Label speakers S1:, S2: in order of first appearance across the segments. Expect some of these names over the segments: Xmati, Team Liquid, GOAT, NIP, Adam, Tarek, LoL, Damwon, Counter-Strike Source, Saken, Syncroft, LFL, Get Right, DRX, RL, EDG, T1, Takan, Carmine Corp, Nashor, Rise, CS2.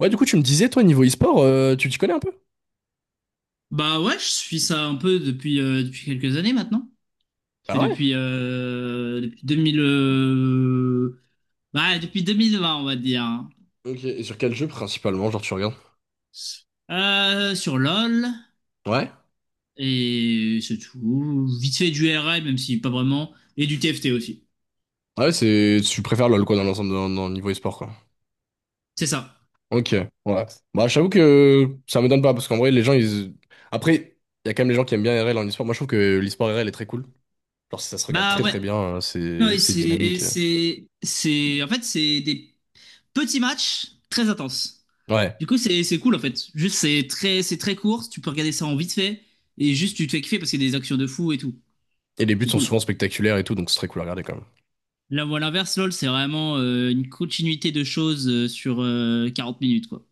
S1: Ouais, du coup, tu me disais, toi, niveau e-sport, tu t'y connais un peu?
S2: Bah ouais, je suis ça un peu depuis quelques années maintenant. Ça
S1: Ah
S2: fait
S1: ouais?
S2: depuis deux mille vingt, on va dire, hein.
S1: Ok, et sur quel jeu principalement, genre tu regardes?
S2: Sur LoL,
S1: Ouais?
S2: et c'est tout. Vite fait du RL même si pas vraiment. Et du TFT aussi.
S1: Ouais, c'est. Tu préfères LoL quoi dans l'ensemble dans le niveau e-sport quoi.
S2: C'est ça.
S1: Ok, ouais. Bah j'avoue que ça me donne pas, parce qu'en vrai les gens ils. Après, il y a quand même les gens qui aiment bien RL en e-sport. Moi je trouve que l'e-sport RL est très cool. Genre ça se regarde
S2: Bah
S1: très
S2: ouais.
S1: très bien, c'est
S2: Ouais,
S1: c'est dynamique.
S2: en fait, c'est des petits matchs très intenses.
S1: Ouais.
S2: Du coup, c'est cool, en fait. Juste, c'est très court. Tu peux regarder ça en vite fait. Et juste, tu te fais kiffer parce qu'il y a des actions de fou et tout.
S1: Et les buts
S2: C'est
S1: sont
S2: cool.
S1: souvent spectaculaires et tout, donc c'est très cool à regarder quand même.
S2: La voie l'inverse, LOL, c'est vraiment une continuité de choses sur 40 minutes, quoi.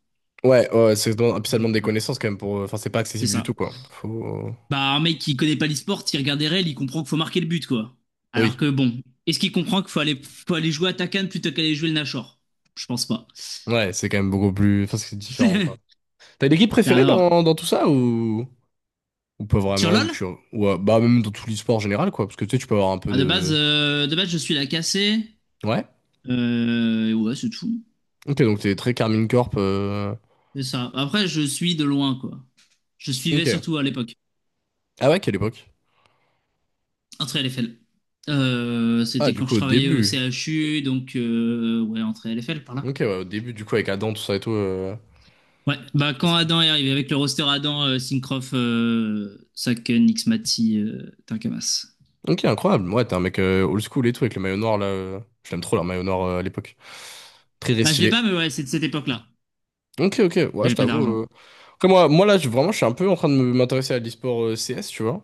S1: Ouais, ouais, c'est et puis ça demande
S2: Donc
S1: des
S2: voilà,
S1: connaissances quand même pour. Enfin, c'est pas
S2: c'est
S1: accessible du tout
S2: ça.
S1: quoi. Faut.
S2: Bah, un mec qui connaît pas l'e-sport, il regarde des règles, il comprend qu'il faut marquer le but, quoi. Alors
S1: Oui.
S2: que bon, est-ce qu'il comprend qu'il faut aller jouer à Takan plutôt qu'aller jouer le Nashor. Je pense pas.
S1: Ouais, c'est quand même beaucoup plus. Enfin, c'est
S2: C'est
S1: différent
S2: rien
S1: quoi. T'as une équipe préférée
S2: à quoi.
S1: dans, tout ça ou pas
S2: Sur
S1: vraiment ou
S2: LOL,
S1: tu, ou, bah, même dans tous les sports en général, quoi. Parce que tu sais, tu peux avoir un peu
S2: bah, de base,
S1: de.
S2: euh, de base, je suis la cassée.
S1: Ouais?
S2: Et ouais, c'est tout.
S1: Ok, donc t'es très Carmine Corp.
S2: C'est ça. Après, je suis de loin, quoi. Je suivais
S1: Ok.
S2: surtout à l'époque.
S1: Ah ouais, quelle époque?
S2: Entrée LFL. Euh,
S1: Ah,
S2: c'était
S1: du
S2: quand je
S1: coup, au
S2: travaillais au
S1: début.
S2: CHU, donc ouais, entrée LFL par là.
S1: Ok, ouais, au début, du coup, avec Adam, tout ça et tout.
S2: Ouais, bah quand Adam est arrivé avec le roster Adam, Syncroft, Saken, Xmati, Takamas.
S1: Ok, incroyable. Ouais, t'es un mec old school et tout, avec le maillot noir là. Je l'aime trop, leur maillot noir à l'époque. Très
S2: Bah je l'ai
S1: stylé.
S2: pas, mais ouais, c'est de cette époque-là.
S1: Ok, ok. Ouais, je
S2: J'avais pas
S1: t'avoue.
S2: d'argent.
S1: Après, moi là, vraiment, je suis un peu en train de m'intéresser à l'e-sport CS, tu vois.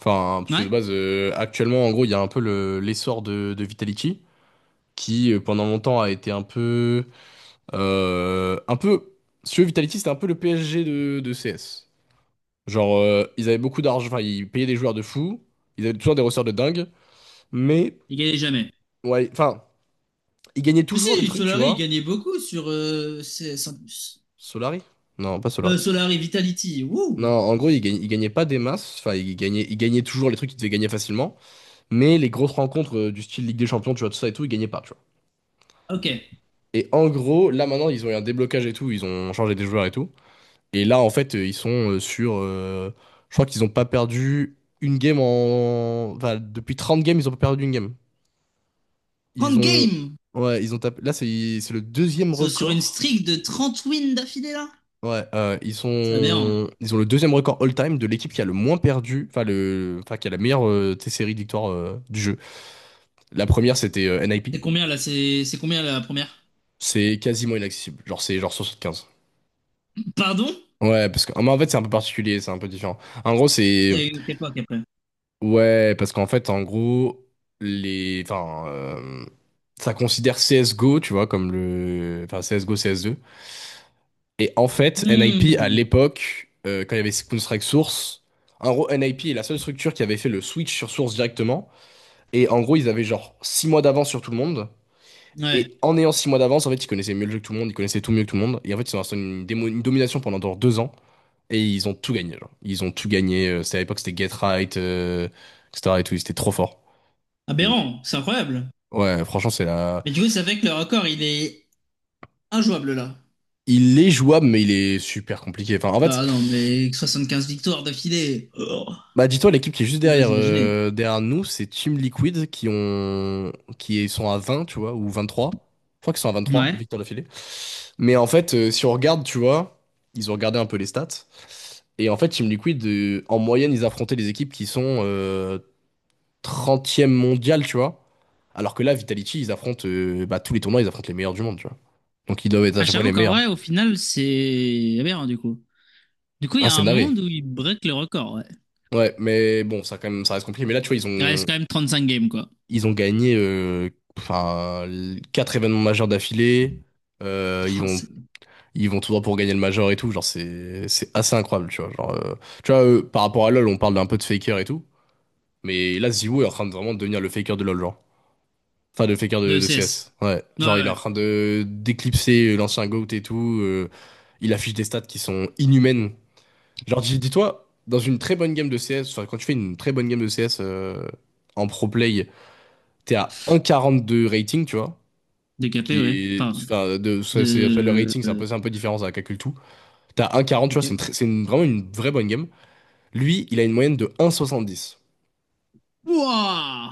S1: Enfin, parce que
S2: Ouais,
S1: de base, actuellement, en gros, il y a un peu l'essor de Vitality, qui pendant longtemps a été un peu, si tu veux, Vitality, c'était un peu le PSG de CS. Genre, ils avaient beaucoup d'argent, enfin, ils payaient des joueurs de fou, ils avaient toujours des ressorts de dingue, mais,
S2: il gagnait jamais.
S1: ouais, enfin, ils gagnaient
S2: Mais
S1: toujours des
S2: si,
S1: trucs, tu
S2: Solari, il
S1: vois.
S2: gagnait beaucoup sur CS en plus.
S1: Solari? Non, pas Solari.
S2: Solari Vitality,
S1: Non,
S2: wouh!
S1: en gros, ils gagnaient pas des masses, enfin, ils gagnaient toujours les trucs qu'ils devaient gagner facilement, mais les grosses rencontres du style Ligue des Champions, tu vois, tout ça et tout, ils gagnaient pas, tu vois.
S2: Ok.
S1: Et en gros, là maintenant, ils ont eu un déblocage et tout, ils ont changé des joueurs et tout. Et là, en fait, ils sont sur... je crois qu'ils n'ont pas perdu une game en... Enfin, depuis 30 games, ils ont pas perdu une game. Ils
S2: 30
S1: ont...
S2: games!
S1: Ouais, ils ont tapé... Là, c'est le deuxième
S2: Sur une
S1: record.
S2: streak de 30 wins d'affilée là?
S1: Ouais, ils
S2: C'est aberrant.
S1: sont... Ils ont le deuxième record all-time de l'équipe qui a le moins perdu, enfin, le... enfin qui a la meilleure série de victoires du jeu. La première, c'était NIP.
S2: C'est combien là? C'est combien la première?
S1: C'est quasiment inaccessible. Genre, c'est genre 75.
S2: Pardon?
S1: Ouais, parce que, mais en fait, c'est un peu particulier, c'est un peu différent. En gros, c'est,
S2: C'est une autre époque après.
S1: ouais, parce qu'en fait, en gros, enfin, ça considère CSGO, tu vois, comme le, enfin, CSGO, CS2. Et en fait, NIP, à
S2: Hmm.
S1: l'époque, quand il y avait Counter-Strike Source, en gros, NIP est la seule structure qui avait fait le switch sur Source directement. Et en gros, ils avaient genre 6 mois d'avance sur tout le monde.
S2: Ouais.
S1: Et en ayant 6 mois d'avance, en fait, ils connaissaient mieux le jeu que tout le monde, ils connaissaient tout mieux que tout le monde. Et en fait, ils ont installé une domination pendant genre 2 ans. Et ils ont tout gagné, genre. Ils ont tout gagné. C'était à l'époque, c'était Get Right, etc. et tout. Ils étaient trop forts. Et
S2: Aberrant, c'est incroyable.
S1: ouais, franchement, c'est la...
S2: Mais du coup, ça fait que le record, il est injouable là.
S1: Il est jouable, mais il est super compliqué. Enfin, en fait,
S2: Bah non, mais 75 victoires d'affilée. Oh,
S1: bah, dis-toi, l'équipe qui est juste derrière,
S2: j'ose imaginer.
S1: derrière nous, c'est Team Liquid qui ont, qui sont à 20, tu vois, ou 23. Je crois qu'ils sont à vingt-trois
S2: Ouais.
S1: Victor d'affilée. Mais en fait, si on regarde, tu vois, ils ont regardé un peu les stats. Et en fait, Team Liquid, en moyenne, ils affrontaient des équipes qui sont 30e tu vois. Alors que là, Vitality, ils affrontent bah, tous les tournois, ils affrontent les meilleurs du monde, tu vois. Donc ils doivent être à
S2: Ah,
S1: chaque fois
S2: j'avoue
S1: les
S2: qu'en
S1: meilleurs.
S2: vrai, au final, c'est aberrant du coup. Du coup, il y
S1: Ah,
S2: a
S1: c'est
S2: un
S1: narré.
S2: monde où il break le record, ouais.
S1: Ouais, mais bon, ça quand même, ça reste compliqué. Mais là, tu vois, ils
S2: Il reste
S1: ont,
S2: quand même 35 games, quoi.
S1: ils ont gagné enfin, quatre événements majeurs d'affilée. Euh, ils
S2: Oh,
S1: vont, ils vont tout droit pour gagner le major et tout. Genre, c'est assez incroyable, tu vois. Genre, tu vois, eux, par rapport à LoL, on parle d'un peu de faker et tout. Mais là, Ziwoo est en train de vraiment devenir le faker de LoL, genre. Enfin, de faker de,
S2: de
S1: de CS.
S2: CS.
S1: Ouais.
S2: Ouais,
S1: Genre,
S2: ouais,
S1: il est en
S2: ouais.
S1: train de d'éclipser l'ancien GOAT et tout. Il affiche des stats qui sont inhumaines. Genre, dis-toi, dans une très bonne game de CS, enfin, quand tu fais une très bonne game de CS en pro play, t'es à 1,42 rating, tu vois.
S2: De
S1: Ce
S2: KP, ouais.
S1: qui est,
S2: Enfin,
S1: enfin, ça, ça, le
S2: de...
S1: rating, c'est un peu différent, ça calcule tout. T'as 1,40, tu vois,
S2: Ok.
S1: c'est une, très- c'est une- vraiment une vraie bonne game. Lui, il a une moyenne de 1,70.
S2: Wouah!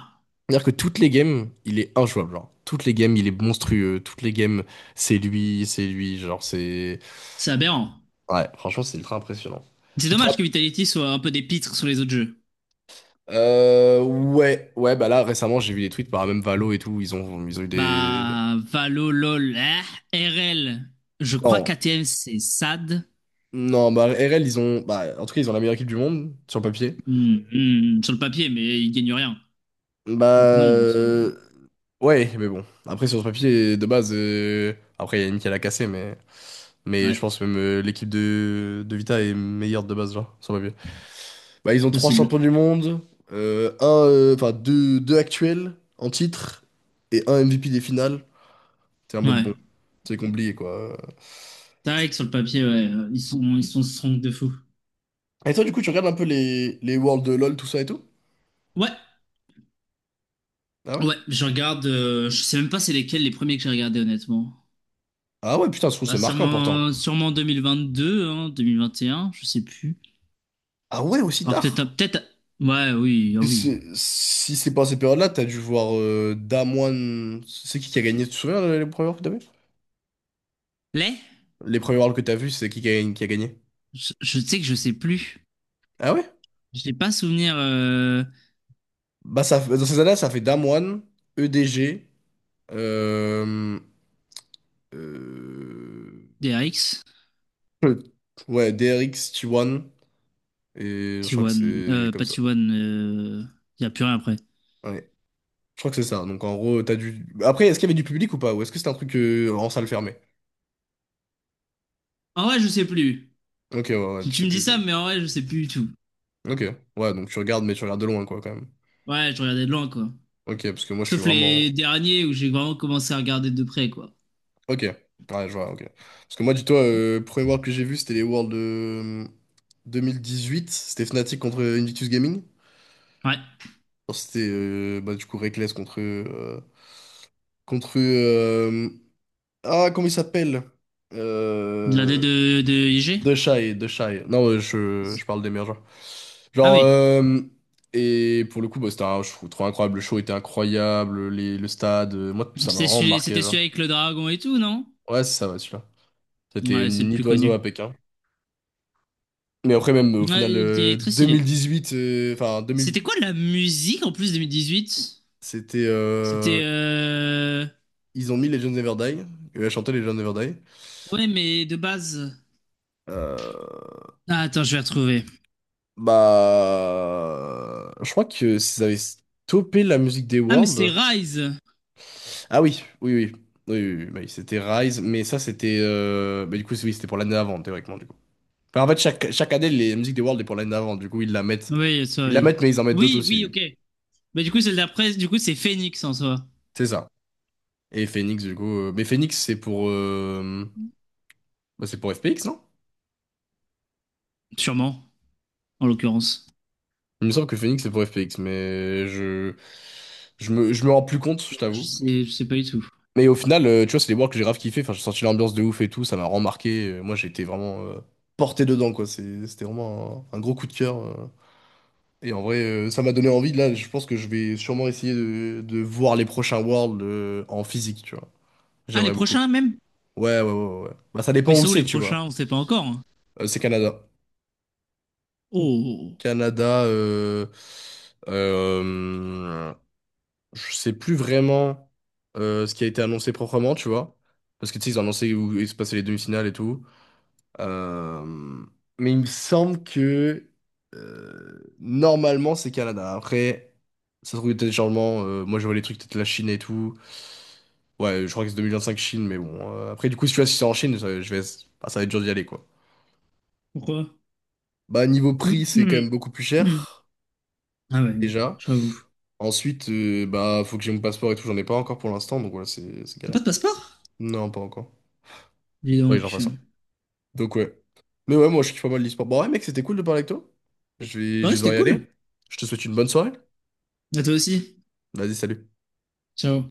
S1: C'est-à-dire que toutes les games, il est injouable, genre. Toutes les games, il est monstrueux. Toutes les games, c'est lui, genre c'est...
S2: C'est aberrant.
S1: Ouais, franchement, c'est ultra impressionnant.
S2: C'est
S1: Tu te
S2: dommage que
S1: rappelles-
S2: Vitality soit un peu des pitres sur les autres jeux.
S1: Ouais, ouais, bah là, récemment, j'ai vu des tweets par même Valo et tout, ils ont eu des...
S2: Bah, Valo, LOL, eh, RL. Je crois
S1: Non,
S2: qu'ATM, c'est SAD.
S1: non, bah RL, ils ont... Bah, en tout cas, ils ont la meilleure équipe du monde, sur le papier.
S2: Hmm, hmm, hmm, sur le papier, mais il gagne rien.
S1: Bah...
S2: Donc non, en soi.
S1: Ouais, mais bon. Après, sur le papier, de base... Après, il y a Yannick qui l'a cassé, mais... Mais
S2: Ouais,
S1: je pense même l'équipe de Vita est meilleure de base, genre, sur le papier. Bah, ils
S2: c'est
S1: ont trois
S2: possible.
S1: champions du monde, enfin deux actuels en titre et un MVP des finales. C'est un mode bon,
S2: Ouais.
S1: c'est compliqué quoi.
S2: Tarek, sur le papier, ouais, ils sont strong de fou.
S1: Et toi, du coup, tu regardes un peu les Worlds de LoL, tout ça et tout?
S2: Ouais,
S1: Ah ouais?
S2: ouais, je regarde. Je sais même pas c'est lesquels les premiers que j'ai regardés, honnêtement.
S1: Ah ouais, putain, je trouve que
S2: Bah,
S1: c'est marquant pourtant.
S2: sûrement 2022, hein, 2021, je sais plus.
S1: Ah ouais, aussi
S2: Ah, peut-être, ah,
S1: tard?
S2: peut-être. Ouais, oui, ah
S1: Et
S2: oui.
S1: si c'est pas ces périodes-là, t'as dû voir Damwon. C'est qui a gagné? Tu te souviens les premiers Worlds que t'as vu?
S2: Les?
S1: Les premiers Worlds que t'as vu, c'est qui qui a, gagné?
S2: Je sais que je sais plus.
S1: Ah ouais?
S2: Je n'ai pas souvenir.
S1: Bah, ça, dans ces années-là, ça fait Damwon, EDG, Euh...
S2: D R X,
S1: Ouais, DRX T1. Et je crois que
S2: T1,
S1: c'est comme
S2: pas
S1: ça.
S2: T1, y a plus rien après.
S1: Ouais. Je crois que c'est ça. Donc en gros, t'as du. Après, est-ce qu'il y avait du public ou pas? Ou est-ce que c'était un truc en salle fermée?
S2: En vrai, je sais plus.
S1: Ok, ouais, ouais, tu
S2: Tu
S1: sais
S2: me dis
S1: plus du
S2: ça,
S1: tout.
S2: mais en vrai, je sais plus du tout.
S1: Ok, ouais, donc tu regardes, mais tu regardes de loin, quoi, quand même.
S2: Ouais, je regardais de loin, quoi.
S1: Ok, parce que moi, je suis
S2: Sauf les
S1: vraiment.
S2: derniers où j'ai vraiment commencé à regarder de près, quoi.
S1: Ok, ouais, je vois, ok. Parce que moi, dis-toi, le premier World que j'ai vu, c'était les Worlds de 2018. C'était Fnatic contre Invictus Gaming.
S2: Ouais.
S1: Alors, c'était, bah, du coup, Reckless contre contre ah, comment il s'appelle?
S2: La D
S1: Euh...
S2: de IG?
S1: De Shy, De Shy. Non, ouais, je parle des meilleurs joueurs.
S2: Ah
S1: Genre,
S2: oui.
S1: et pour le coup, bah, c'était un show trop incroyable. Le show était incroyable, le stade. Moi, ça m'a
S2: C'était
S1: vraiment
S2: celui,
S1: marqué,
S2: c'était celui
S1: genre.
S2: avec le dragon et tout, non?
S1: Ouais, c'est ça, ouais, celui-là. C'était
S2: Ouais, c'est
S1: une
S2: le
S1: nid
S2: plus
S1: d'oiseau
S2: connu.
S1: à Pékin. Mais après, même au
S2: Ouais,
S1: final,
S2: il était très stylé.
S1: 2018, enfin, 2000,
S2: C'était quoi la musique en plus 2018?
S1: c'était.
S2: C'était.
S1: Ils ont mis Legends Never Die. Et elle a chanté Legends Never Die.
S2: Ouais, mais de base.
S1: Euh,
S2: Ah, attends, je vais retrouver.
S1: Bah, je crois que s'ils avaient stoppé la musique des
S2: Ah, mais c'était
S1: Worlds.
S2: Rise.
S1: Ah oui, oui, oui, oui, oui, oui, bah oui, c'était Rise, mais ça c'était, bah du coup oui c'était pour l'année avant théoriquement du coup. Enfin, en fait chaque année les musiques des Worlds est pour l'année avant, du coup ils la mettent,
S2: Oui, ça,
S1: ils la mettent
S2: oui.
S1: mais ils en mettent d'autres
S2: Oui, oui,
S1: aussi,
S2: ok. Bah, du coup, celle d'après, du coup, c'est Phoenix en soi.
S1: c'est ça. Et Phoenix du coup, mais Phoenix c'est pour, bah, c'est pour FPX non?
S2: Sûrement, en l'occurrence.
S1: Il me semble que Phoenix c'est pour FPX, mais je me rends plus compte, je
S2: Je
S1: t'avoue.
S2: sais, je sais pas du tout.
S1: Mais au final, tu vois, c'est des boîtes que j'ai grave kiffé. Enfin, j'ai senti l'ambiance de ouf et tout, ça m'a remarqué. Moi, j'ai été vraiment porté dedans, quoi. C'était vraiment un gros coup de cœur. Et en vrai, ça m'a donné envie. Là, je pense que je vais sûrement essayer de voir les prochains Worlds en physique, tu vois.
S2: Ah, les
S1: J'aimerais beaucoup.
S2: prochains, même?
S1: Ouais, ouais, ouais, ouais. Ouais. Bah, ça dépend
S2: Mais
S1: où
S2: c'est où
S1: c'est,
S2: les
S1: tu vois.
S2: prochains? On sait pas encore, hein.
S1: C'est Canada.
S2: Oh, oh, oh.
S1: Canada, euh, je sais plus vraiment ce qui a été annoncé proprement, tu vois. Parce que tu sais, ils ont annoncé où il se passait les demi-finales et tout. Euh, mais il me semble que normalement c'est Canada. Après, ça se trouve il y a des changements. Moi je vois les trucs peut-être la Chine et tout. Ouais, je crois que c'est 2025 Chine, mais bon. Après, du coup, si tu vois, si c'est en Chine, ça, je vais... ah, ça va être dur d'y aller quoi.
S2: Pourquoi?
S1: Bah, niveau prix,
S2: Hum,
S1: c'est quand
S2: hum,
S1: même beaucoup plus
S2: hum.
S1: cher
S2: Ah ouais,
S1: déjà.
S2: j'avoue.
S1: Ensuite, bah, faut que j'ai mon passeport et tout. J'en ai pas encore pour l'instant, donc voilà, c'est
S2: T'as pas
S1: galère
S2: de
S1: quoi.
S2: passeport?
S1: Non, pas encore.
S2: Dis
S1: Oui, j'en fais
S2: donc.
S1: ça. Donc ouais. Mais ouais, moi je kiffe pas mal l'e-sport. Bon, ouais, mec, c'était cool de parler avec toi. Je vais, je
S2: Ouais,
S1: vais devoir
S2: c'était
S1: y aller.
S2: cool.
S1: Je te souhaite une bonne soirée.
S2: À toi aussi.
S1: Vas-y, salut.
S2: Ciao.